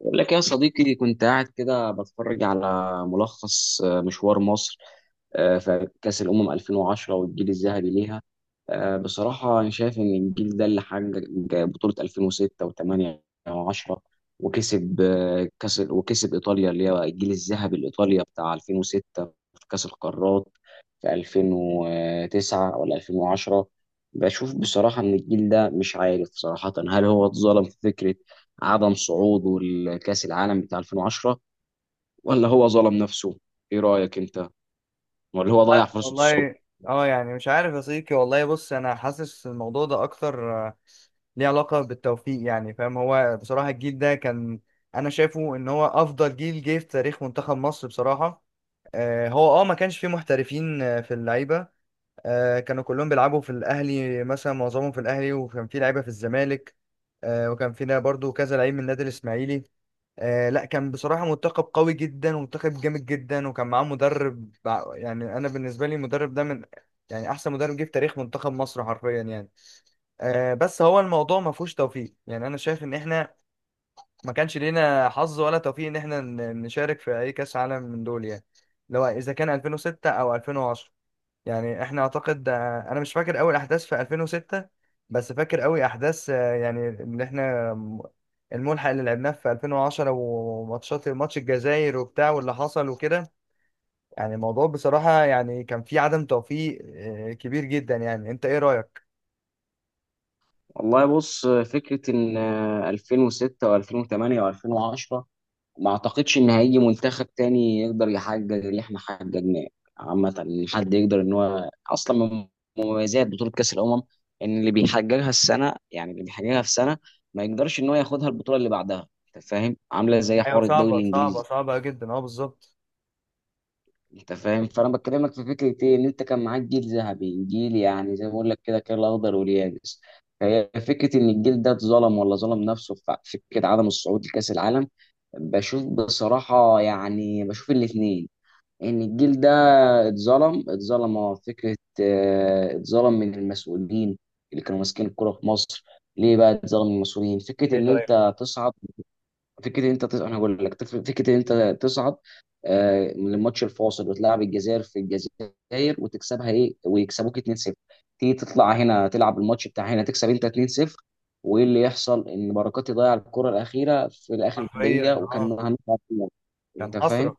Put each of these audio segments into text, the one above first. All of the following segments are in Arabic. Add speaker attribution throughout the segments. Speaker 1: بقول لك يا صديقي، كنت قاعد كده بتفرج على ملخص مشوار مصر. في كأس الأمم 2010 والجيل الذهبي ليها. بصراحة أنا شايف إن الجيل ده اللي حقق بطولة 2006 و8 و10، وكسب كأس، وكسب إيطاليا اللي هي الجيل الذهبي الإيطاليا بتاع 2006 في كأس القارات في 2009 ولا 2010. بشوف بصراحة إن الجيل ده، مش عارف صراحة، هل هو اتظلم في فكرة عدم صعوده لكأس العالم بتاع 2010، ولا هو ظلم نفسه؟ ايه رأيك انت؟ ولا هو
Speaker 2: والله
Speaker 1: ضيع فرصة الصعود؟
Speaker 2: والله، اه يعني مش عارف يا صديقي. والله بص، انا حاسس الموضوع ده اكتر ليه علاقة بالتوفيق. يعني فاهم. هو بصراحة الجيل ده انا شايفه ان هو افضل جيل جه في تاريخ منتخب مصر بصراحة. هو اه ما كانش فيه محترفين في اللعيبة. كانوا كلهم بيلعبوا في الاهلي، مثلا معظمهم في الاهلي، وكان فيه لعيبة في الزمالك. وكان فينا برضو كذا لعيب من النادي الاسماعيلي. لا، كان بصراحة منتخب قوي جدا ومنتخب جامد جدا، وكان معاه مدرب يعني أنا بالنسبة لي المدرب ده من يعني أحسن مدرب جه في تاريخ منتخب مصر حرفيا يعني. بس هو الموضوع ما فيهوش توفيق. يعني أنا شايف إن إحنا ما كانش لينا حظ ولا توفيق إن إحنا نشارك في أي كأس عالم من دول، يعني لو إذا كان 2006 أو 2010. يعني احنا اعتقد انا مش فاكر اول احداث في 2006، بس فاكر قوي احداث يعني اللي احنا الملحق اللي لعبناه في 2010 وماتشات ماتش الجزائر وبتاع واللي حصل وكده. يعني الموضوع بصراحة يعني كان فيه عدم توفيق كبير جدا. يعني انت ايه رأيك؟
Speaker 1: والله، بص، فكرة ان 2006 و2008 و2010، ما اعتقدش ان هيجي منتخب تاني يقدر يحقق اللي احنا حققناه. عامة، ان حد يقدر ان هو اصلا من مميزات بطولة كأس الأمم ان اللي بيحققها السنة، يعني اللي بيحققها في سنة ما يقدرش ان هو ياخدها البطولة اللي بعدها. انت فاهم؟ عاملة زي
Speaker 2: ايوه،
Speaker 1: حوار الدوري
Speaker 2: صعبة صعبة
Speaker 1: الإنجليزي.
Speaker 2: صعبة جدا اه، بالظبط.
Speaker 1: انت فاهم، فانا بكلمك في فكره ايه، ان انت كان معاك جيل ذهبي، جيل يعني زي ما بقول لك كده، كان الاخضر واليابس. فهي فكره ان الجيل ده اتظلم ولا ظلم نفسه في فكره عدم الصعود لكاس العالم. بشوف بصراحه يعني، بشوف الاثنين. ان الجيل ده اتظلم فكره اتظلم من المسؤولين اللي كانوا ماسكين الكوره في مصر. ليه بقى اتظلم من المسؤولين؟ فكره
Speaker 2: ايه
Speaker 1: ان
Speaker 2: طيب.
Speaker 1: انت تصعد، فكره إن انت تصعد، انا هقول لك فكره إن انت تصعد من الماتش الفاصل، وتلعب الجزائر في الجزائر وتكسبها، ايه، ويكسبوك 2-0، تيجي تطلع هنا، تلعب الماتش بتاع هنا، تكسب انت 2-0. وايه اللي يحصل؟ ان بركات يضيع الكره الاخيره في اخر
Speaker 2: حرفيا
Speaker 1: دقيقه، وكان
Speaker 2: اه.
Speaker 1: هنطلع في النهاية.
Speaker 2: كان
Speaker 1: انت فاهم؟
Speaker 2: حسرة.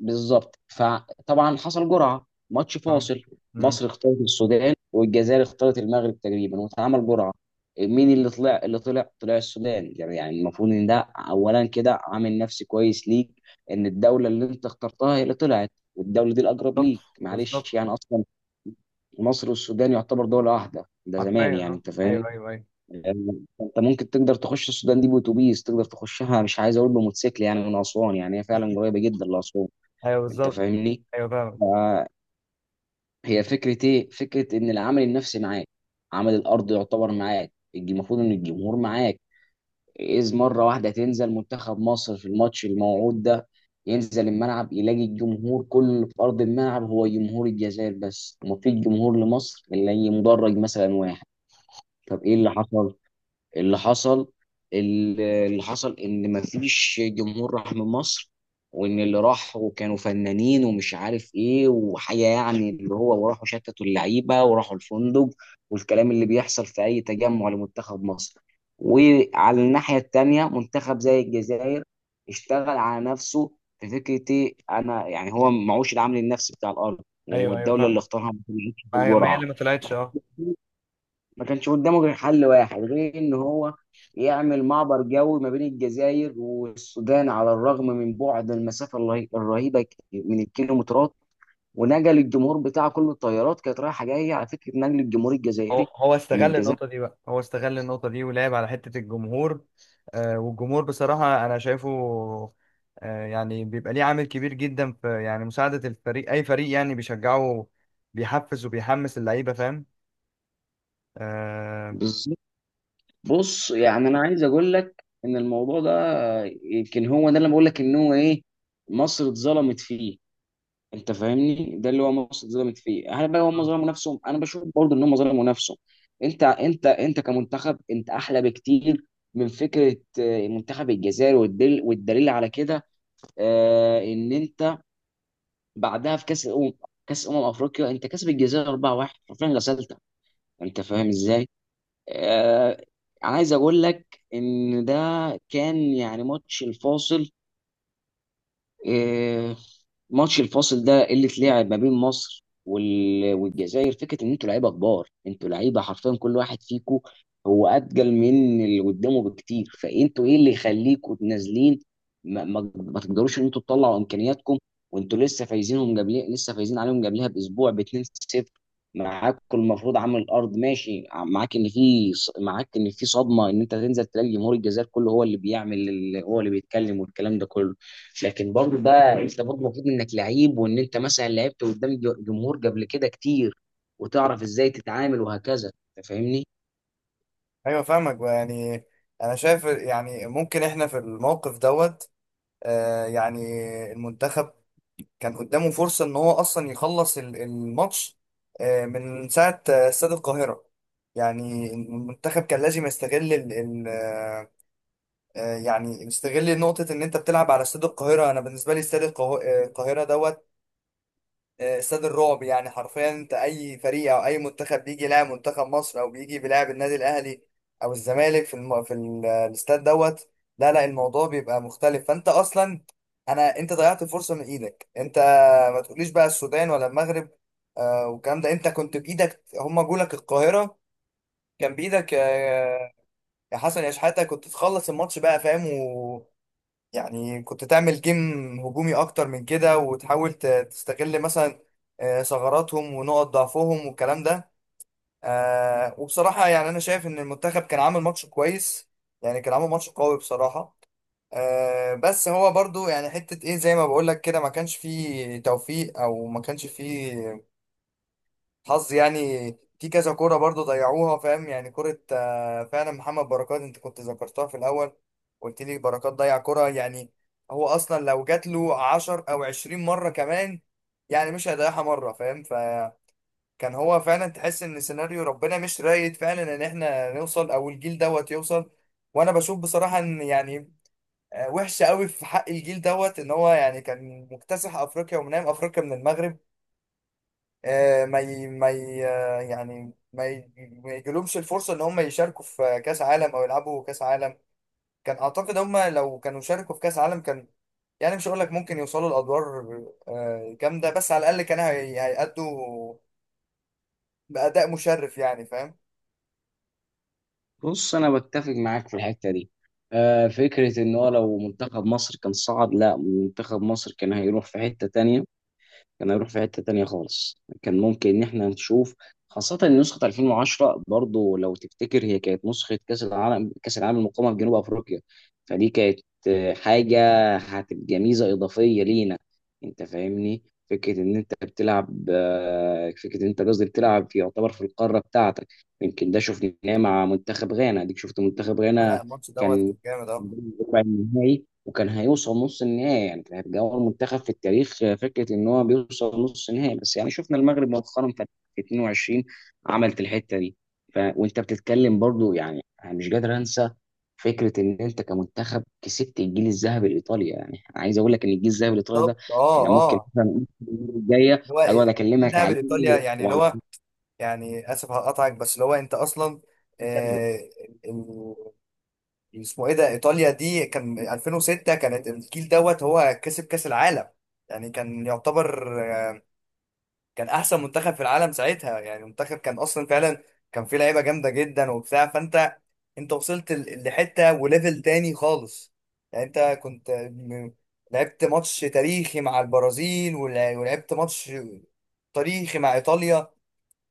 Speaker 1: بالظبط. فطبعا حصل جرعه ماتش
Speaker 2: اه.
Speaker 1: فاصل.
Speaker 2: مم.
Speaker 1: مصر اختارت السودان، والجزائر اختارت المغرب تقريبا، واتعمل جرعه. مين اللي طلع طلع السودان، يعني يعني المفروض ان ده اولا كده عامل نفسي كويس ليك، ان الدوله اللي انت اخترتها هي اللي طلعت، والدوله دي الاقرب
Speaker 2: بالظبط.
Speaker 1: ليك، معلش
Speaker 2: بالظبط.
Speaker 1: يعني. اصلا مصر والسودان يعتبر دوله واحده ده زمان،
Speaker 2: حرفيا
Speaker 1: يعني
Speaker 2: اه.
Speaker 1: انت
Speaker 2: ايوه
Speaker 1: فاهمني.
Speaker 2: ايوه ايوه.
Speaker 1: يعني انت ممكن تقدر تخش السودان دي باتوبيس، تقدر تخشها، مش عايز اقول بموتوسيكل، يعني من اسوان، يعني هي فعلا قريبه جدا لاسوان.
Speaker 2: ايوه
Speaker 1: انت
Speaker 2: بالظبط.
Speaker 1: فاهمني؟
Speaker 2: ايوه فاهم.
Speaker 1: آه، هي فكرة ايه؟ فكرة ان العامل النفسي معاك، عامل الارض يعتبر معاك، المفروض ان الجمهور معاك. اذ مرة واحدة تنزل منتخب مصر في الماتش الموعود ده، ينزل الملعب يلاقي الجمهور كله في ارض الملعب هو جمهور الجزائر بس، ومفيش جمهور لمصر الا أي مدرج مثلا واحد. طب ايه اللي حصل؟ اللي حصل، ان مفيش جمهور راح من مصر، وان اللي راحوا كانوا فنانين ومش عارف ايه وحاجه، يعني اللي هو وراحوا شتتوا اللعيبه وراحوا الفندق، والكلام اللي بيحصل في اي تجمع لمنتخب مصر. وعلى الناحيه التانيه منتخب زي الجزائر اشتغل على نفسه في فكره إيه؟ انا يعني هو معوش العامل النفسي بتاع الارض،
Speaker 2: ايوه ايوه
Speaker 1: والدوله اللي
Speaker 2: فاهم.
Speaker 1: اختارها ما بتنجحش في
Speaker 2: ما هي
Speaker 1: الجرعه.
Speaker 2: اللي ما طلعتش اه.
Speaker 1: ما كانش قدامه غير حل واحد غير ان هو يعمل معبر جوي ما بين الجزائر والسودان، على الرغم من بعد المسافه الرهيبه، من الكيلومترات. ونقل الجمهور بتاعه كله، الطيارات كانت رايحه جايه على فكره نقل الجمهور
Speaker 2: هو
Speaker 1: الجزائري
Speaker 2: هو
Speaker 1: من
Speaker 2: استغل
Speaker 1: الجزائر.
Speaker 2: النقطة دي بقى، هو استغل النقطة دي ولعب على حتة الجمهور. والجمهور بصراحة أنا شايفه يعني بيبقى ليه عامل كبير جدا في يعني مساعدة الفريق، أي فريق، يعني بيشجعه بيحفز وبيحمس اللعيبة، فاهم آه
Speaker 1: بالظبط. بص يعني، انا عايز اقول لك ان الموضوع ده يمكن هو ده اللي بقول لك ان هو ايه، مصر اتظلمت فيه. انت فاهمني، ده اللي هو مصر اتظلمت فيه. هل بقى هم ظلموا نفسهم؟ انا بشوف برضه ان هم ظلموا نفسهم. انت كمنتخب، انت احلى بكتير من فكره منتخب الجزائر، والدليل على كده ان انت بعدها في كاس الامم، كاس افريقيا، انت كسب الجزائر 4-1، حرفيا غسلتك. انت فاهم ازاي؟ آه، عايز اقول لك ان ده كان يعني ماتش الفاصل. آه، ماتش الفاصل ده اللي اتلعب ما بين مصر والجزائر. فكره ان انتوا لعيبه كبار، انتوا لعيبه حرفيا، كل واحد فيكم هو اتقل من اللي قدامه بكتير. فانتوا ايه اللي يخليكم نازلين؟ ما تقدروش ان انتوا تطلعوا امكانياتكم وانتوا لسه فايزينهم قبل لسه فايزين عليهم قبلها باسبوع ب 2-0. معاكم المفروض، عامل الارض ماشي معاك، ان معاك ان في صدمه ان انت تنزل تلاقي جمهور الجزائر كله هو اللي بيعمل هو اللي بيتكلم، والكلام ده كله. لكن برضه ده، انت برضه المفروض انك لعيب، وان انت مثلا لعبت قدام جمهور قبل كده كتير، وتعرف ازاي تتعامل وهكذا. انت فاهمني؟
Speaker 2: ايوه فاهمك يعني. انا شايف يعني ممكن احنا في الموقف دوت يعني المنتخب كان قدامه فرصة ان هو اصلا يخلص الماتش من ساعة استاد القاهرة. يعني المنتخب كان لازم يستغل ال ال آه، آه، يعني يستغل نقطة ان انت بتلعب على استاد القاهرة. انا بالنسبة لي استاد القاهرة دوت، استاد الرعب يعني حرفيا. انت اي فريق او اي منتخب بيجي يلاعب منتخب مصر، او بيجي بيلاعب النادي الاهلي او الزمالك في الاستاد دوت، لا لا، الموضوع بيبقى مختلف. فانت اصلا انت ضيعت الفرصه من ايدك انت. ما تقوليش بقى السودان ولا المغرب. والكلام ده انت كنت بايدك. هما جولك القاهره كان بايدك يا حسن يا شحاته، كنت تخلص الماتش بقى، فاهم يعني كنت تعمل جيم هجومي اكتر من كده، وتحاول تستغل مثلا ثغراتهم ونقط ضعفهم والكلام ده. وبصراحة يعني انا شايف ان المنتخب كان عامل ماتش كويس، يعني كان عامل ماتش قوي بصراحة. بس هو برضو يعني حتة ايه، زي ما بقول لك كده، ما كانش فيه توفيق او ما كانش فيه حظ يعني. في كذا كوره برضو ضيعوها، فاهم يعني، كوره فعلا محمد بركات انت كنت ذكرتها في الاول، قلت لي بركات ضيع كوره. يعني هو اصلا لو جات له 10 او 20 مره كمان، يعني مش هيضيعها مره، فاهم. فكان هو فعلا تحس ان سيناريو ربنا مش رايد فعلا ان احنا نوصل او الجيل دوت يوصل. وانا بشوف بصراحه ان يعني وحشه قوي في حق الجيل دوت ان هو يعني كان مكتسح افريقيا ومنام افريقيا من المغرب. آه، ما ي... ما ي... آه، يعني ما يجيلهمش الفرصة ان هم يشاركوا في كأس عالم او يلعبوا كأس عالم. كان اعتقد هم لو كانوا شاركوا في كأس عالم كان يعني مش هقول لك ممكن يوصلوا لأدوار جامدة، بس على الأقل كانوا هيأدوا بأداء مشرف، يعني فاهم.
Speaker 1: بص، انا بتفق معاك في الحته دي. فكره ان هو لو منتخب مصر كان صعد، لا، منتخب مصر كان هيروح في حته تانية، كان هيروح في حتة تانية خالص. كان ممكن إن إحنا نشوف، خاصة إن نسخة 2010 برضو لو تفتكر هي كانت نسخة كأس العالم، كأس العالم المقامة في جنوب أفريقيا. فدي كانت حاجة هتبقى ميزة إضافية لينا. أنت فاهمني، فكرة إن أنت بتلعب، فكرة إن أنت قصدي بتلعب في، يعتبر في القارة بتاعتك. يمكن ده شفناه مع منتخب غانا، أديك شفت منتخب
Speaker 2: لا،
Speaker 1: غانا
Speaker 2: الماتش دوت
Speaker 1: كان
Speaker 2: كان جامد اه.
Speaker 1: ربع النهائي وكان هيوصل نص النهائي، يعني كانت اول منتخب في التاريخ، فكره ان هو بيوصل نص النهائي. بس يعني شفنا المغرب مؤخرا في 22 عملت الحته دي. وانت بتتكلم برضو، يعني انا مش قادر انسى فكره ان انت كمنتخب كسبت الجيل الذهبي الايطالي. يعني عايز اقول لك ان الجيل الذهبي الايطالي
Speaker 2: بالظبط
Speaker 1: ده
Speaker 2: اه
Speaker 1: احنا ممكن
Speaker 2: اه.
Speaker 1: مثلا المره الجايه
Speaker 2: اللي هو
Speaker 1: اقعد
Speaker 2: إيه،
Speaker 1: اكلمك
Speaker 2: الذهاب
Speaker 1: عليه.
Speaker 2: لإيطاليا يعني، اللي
Speaker 1: وعلى،
Speaker 2: هو يعني اسف هقطعك، بس اللي هو انت اصلا آه، اسمه ايه ده، ايطاليا دي كان 2006، كانت الجيل دوت هو كسب كاس العالم. يعني كان يعتبر كان احسن منتخب في العالم ساعتها. يعني منتخب كان اصلا فعلا كان فيه لعيبه جامده جدا وبتاع. فانت انت وصلت لحته وليفل تاني خالص. يعني انت كنت لعبت ماتش تاريخي مع البرازيل ولعبت ماتش تاريخي مع ايطاليا.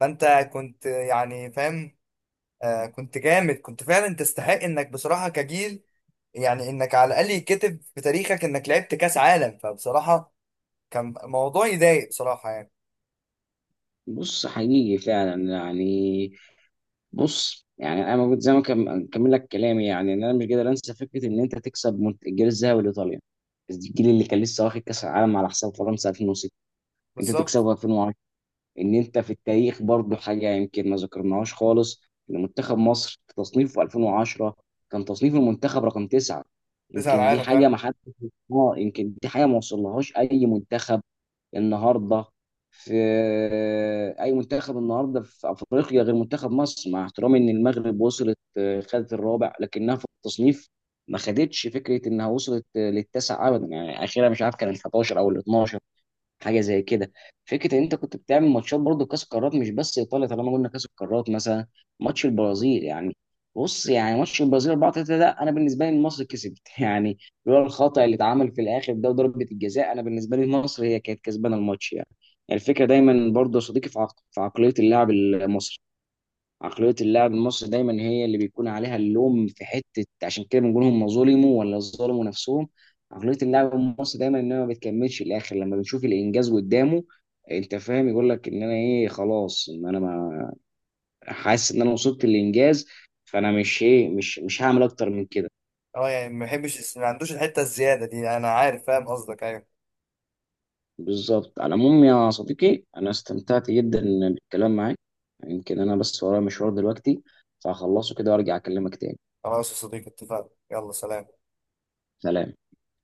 Speaker 2: فانت كنت يعني فاهم. كنت جامد، كنت فعلا تستحق انك بصراحه كجيل، يعني انك على الاقل يتكتب في تاريخك انك لعبت كاس عالم. فبصراحه كان موضوع يضايق بصراحه يعني.
Speaker 1: بص حقيقي فعلا يعني. بص يعني، انا موجود زي ما كمل لك كلامي، يعني إن انا مش قادر انسى فكره ان انت تكسب الجيل الذهبي لايطاليا، الجيل اللي كان لسه واخد كاس العالم على حساب فرنسا 2006، انت
Speaker 2: بالظبط،
Speaker 1: تكسبه 2010. ان انت في التاريخ برضو حاجه يمكن ما ذكرناهاش خالص، ان منتخب مصر في تصنيفه 2010، كان تصنيف المنتخب رقم تسعه.
Speaker 2: كاس
Speaker 1: يمكن دي
Speaker 2: العالم
Speaker 1: حاجه
Speaker 2: فعلا
Speaker 1: ما حد، اه، يمكن دي حاجه ما وصلهاش النهارده في اي منتخب النهارده في افريقيا غير منتخب مصر. مع احترامي ان المغرب وصلت خدت الرابع، لكنها في التصنيف ما خدتش، فكره انها وصلت للتاسع ابدا، يعني اخيرا مش عارف كان ال 11 او ال 12، حاجه زي كده. فكره ان انت كنت بتعمل ماتشات برضه كاس قارات مش بس ايطاليا، طالما قلنا كاس القارات، مثلا ماتش البرازيل يعني. بص يعني ماتش البرازيل 4 3 ده، انا بالنسبه لي مصر كسبت يعني، لولا الخطا اللي اتعمل في الاخر ده وضربه الجزاء، انا بالنسبه لي مصر هي كانت كسبانه الماتش يعني. يعني الفكره دايما برضه يا صديقي في عقليه اللاعب المصري. عقلية اللاعب المصري دايما هي اللي بيكون عليها اللوم في حتة، عشان كده بنقول هم ظلموا ولا ظلموا نفسهم. عقلية اللاعب المصري دايما ان هو ما بتكملش الاخر لما بنشوف الانجاز قدامه. انت فاهم، يقول لك ان انا ايه، خلاص، ان انا ما، حاسس ان انا وصلت للانجاز، فانا مش ايه، مش هعمل اكتر من كده.
Speaker 2: اه. يعني ما بحبش، ما عندوش الحته الزياده دي، انا عارف فاهم قصدك. ايوه
Speaker 1: بالظبط. على العموم يا صديقي، انا استمتعت جدا بالكلام معاك. يمكن انا بس ورايا مشوار دلوقتي فهخلصه كده وارجع اكلمك تاني.
Speaker 2: خلاص يا صديقي، اتفقنا، يلا سلام.
Speaker 1: سلام.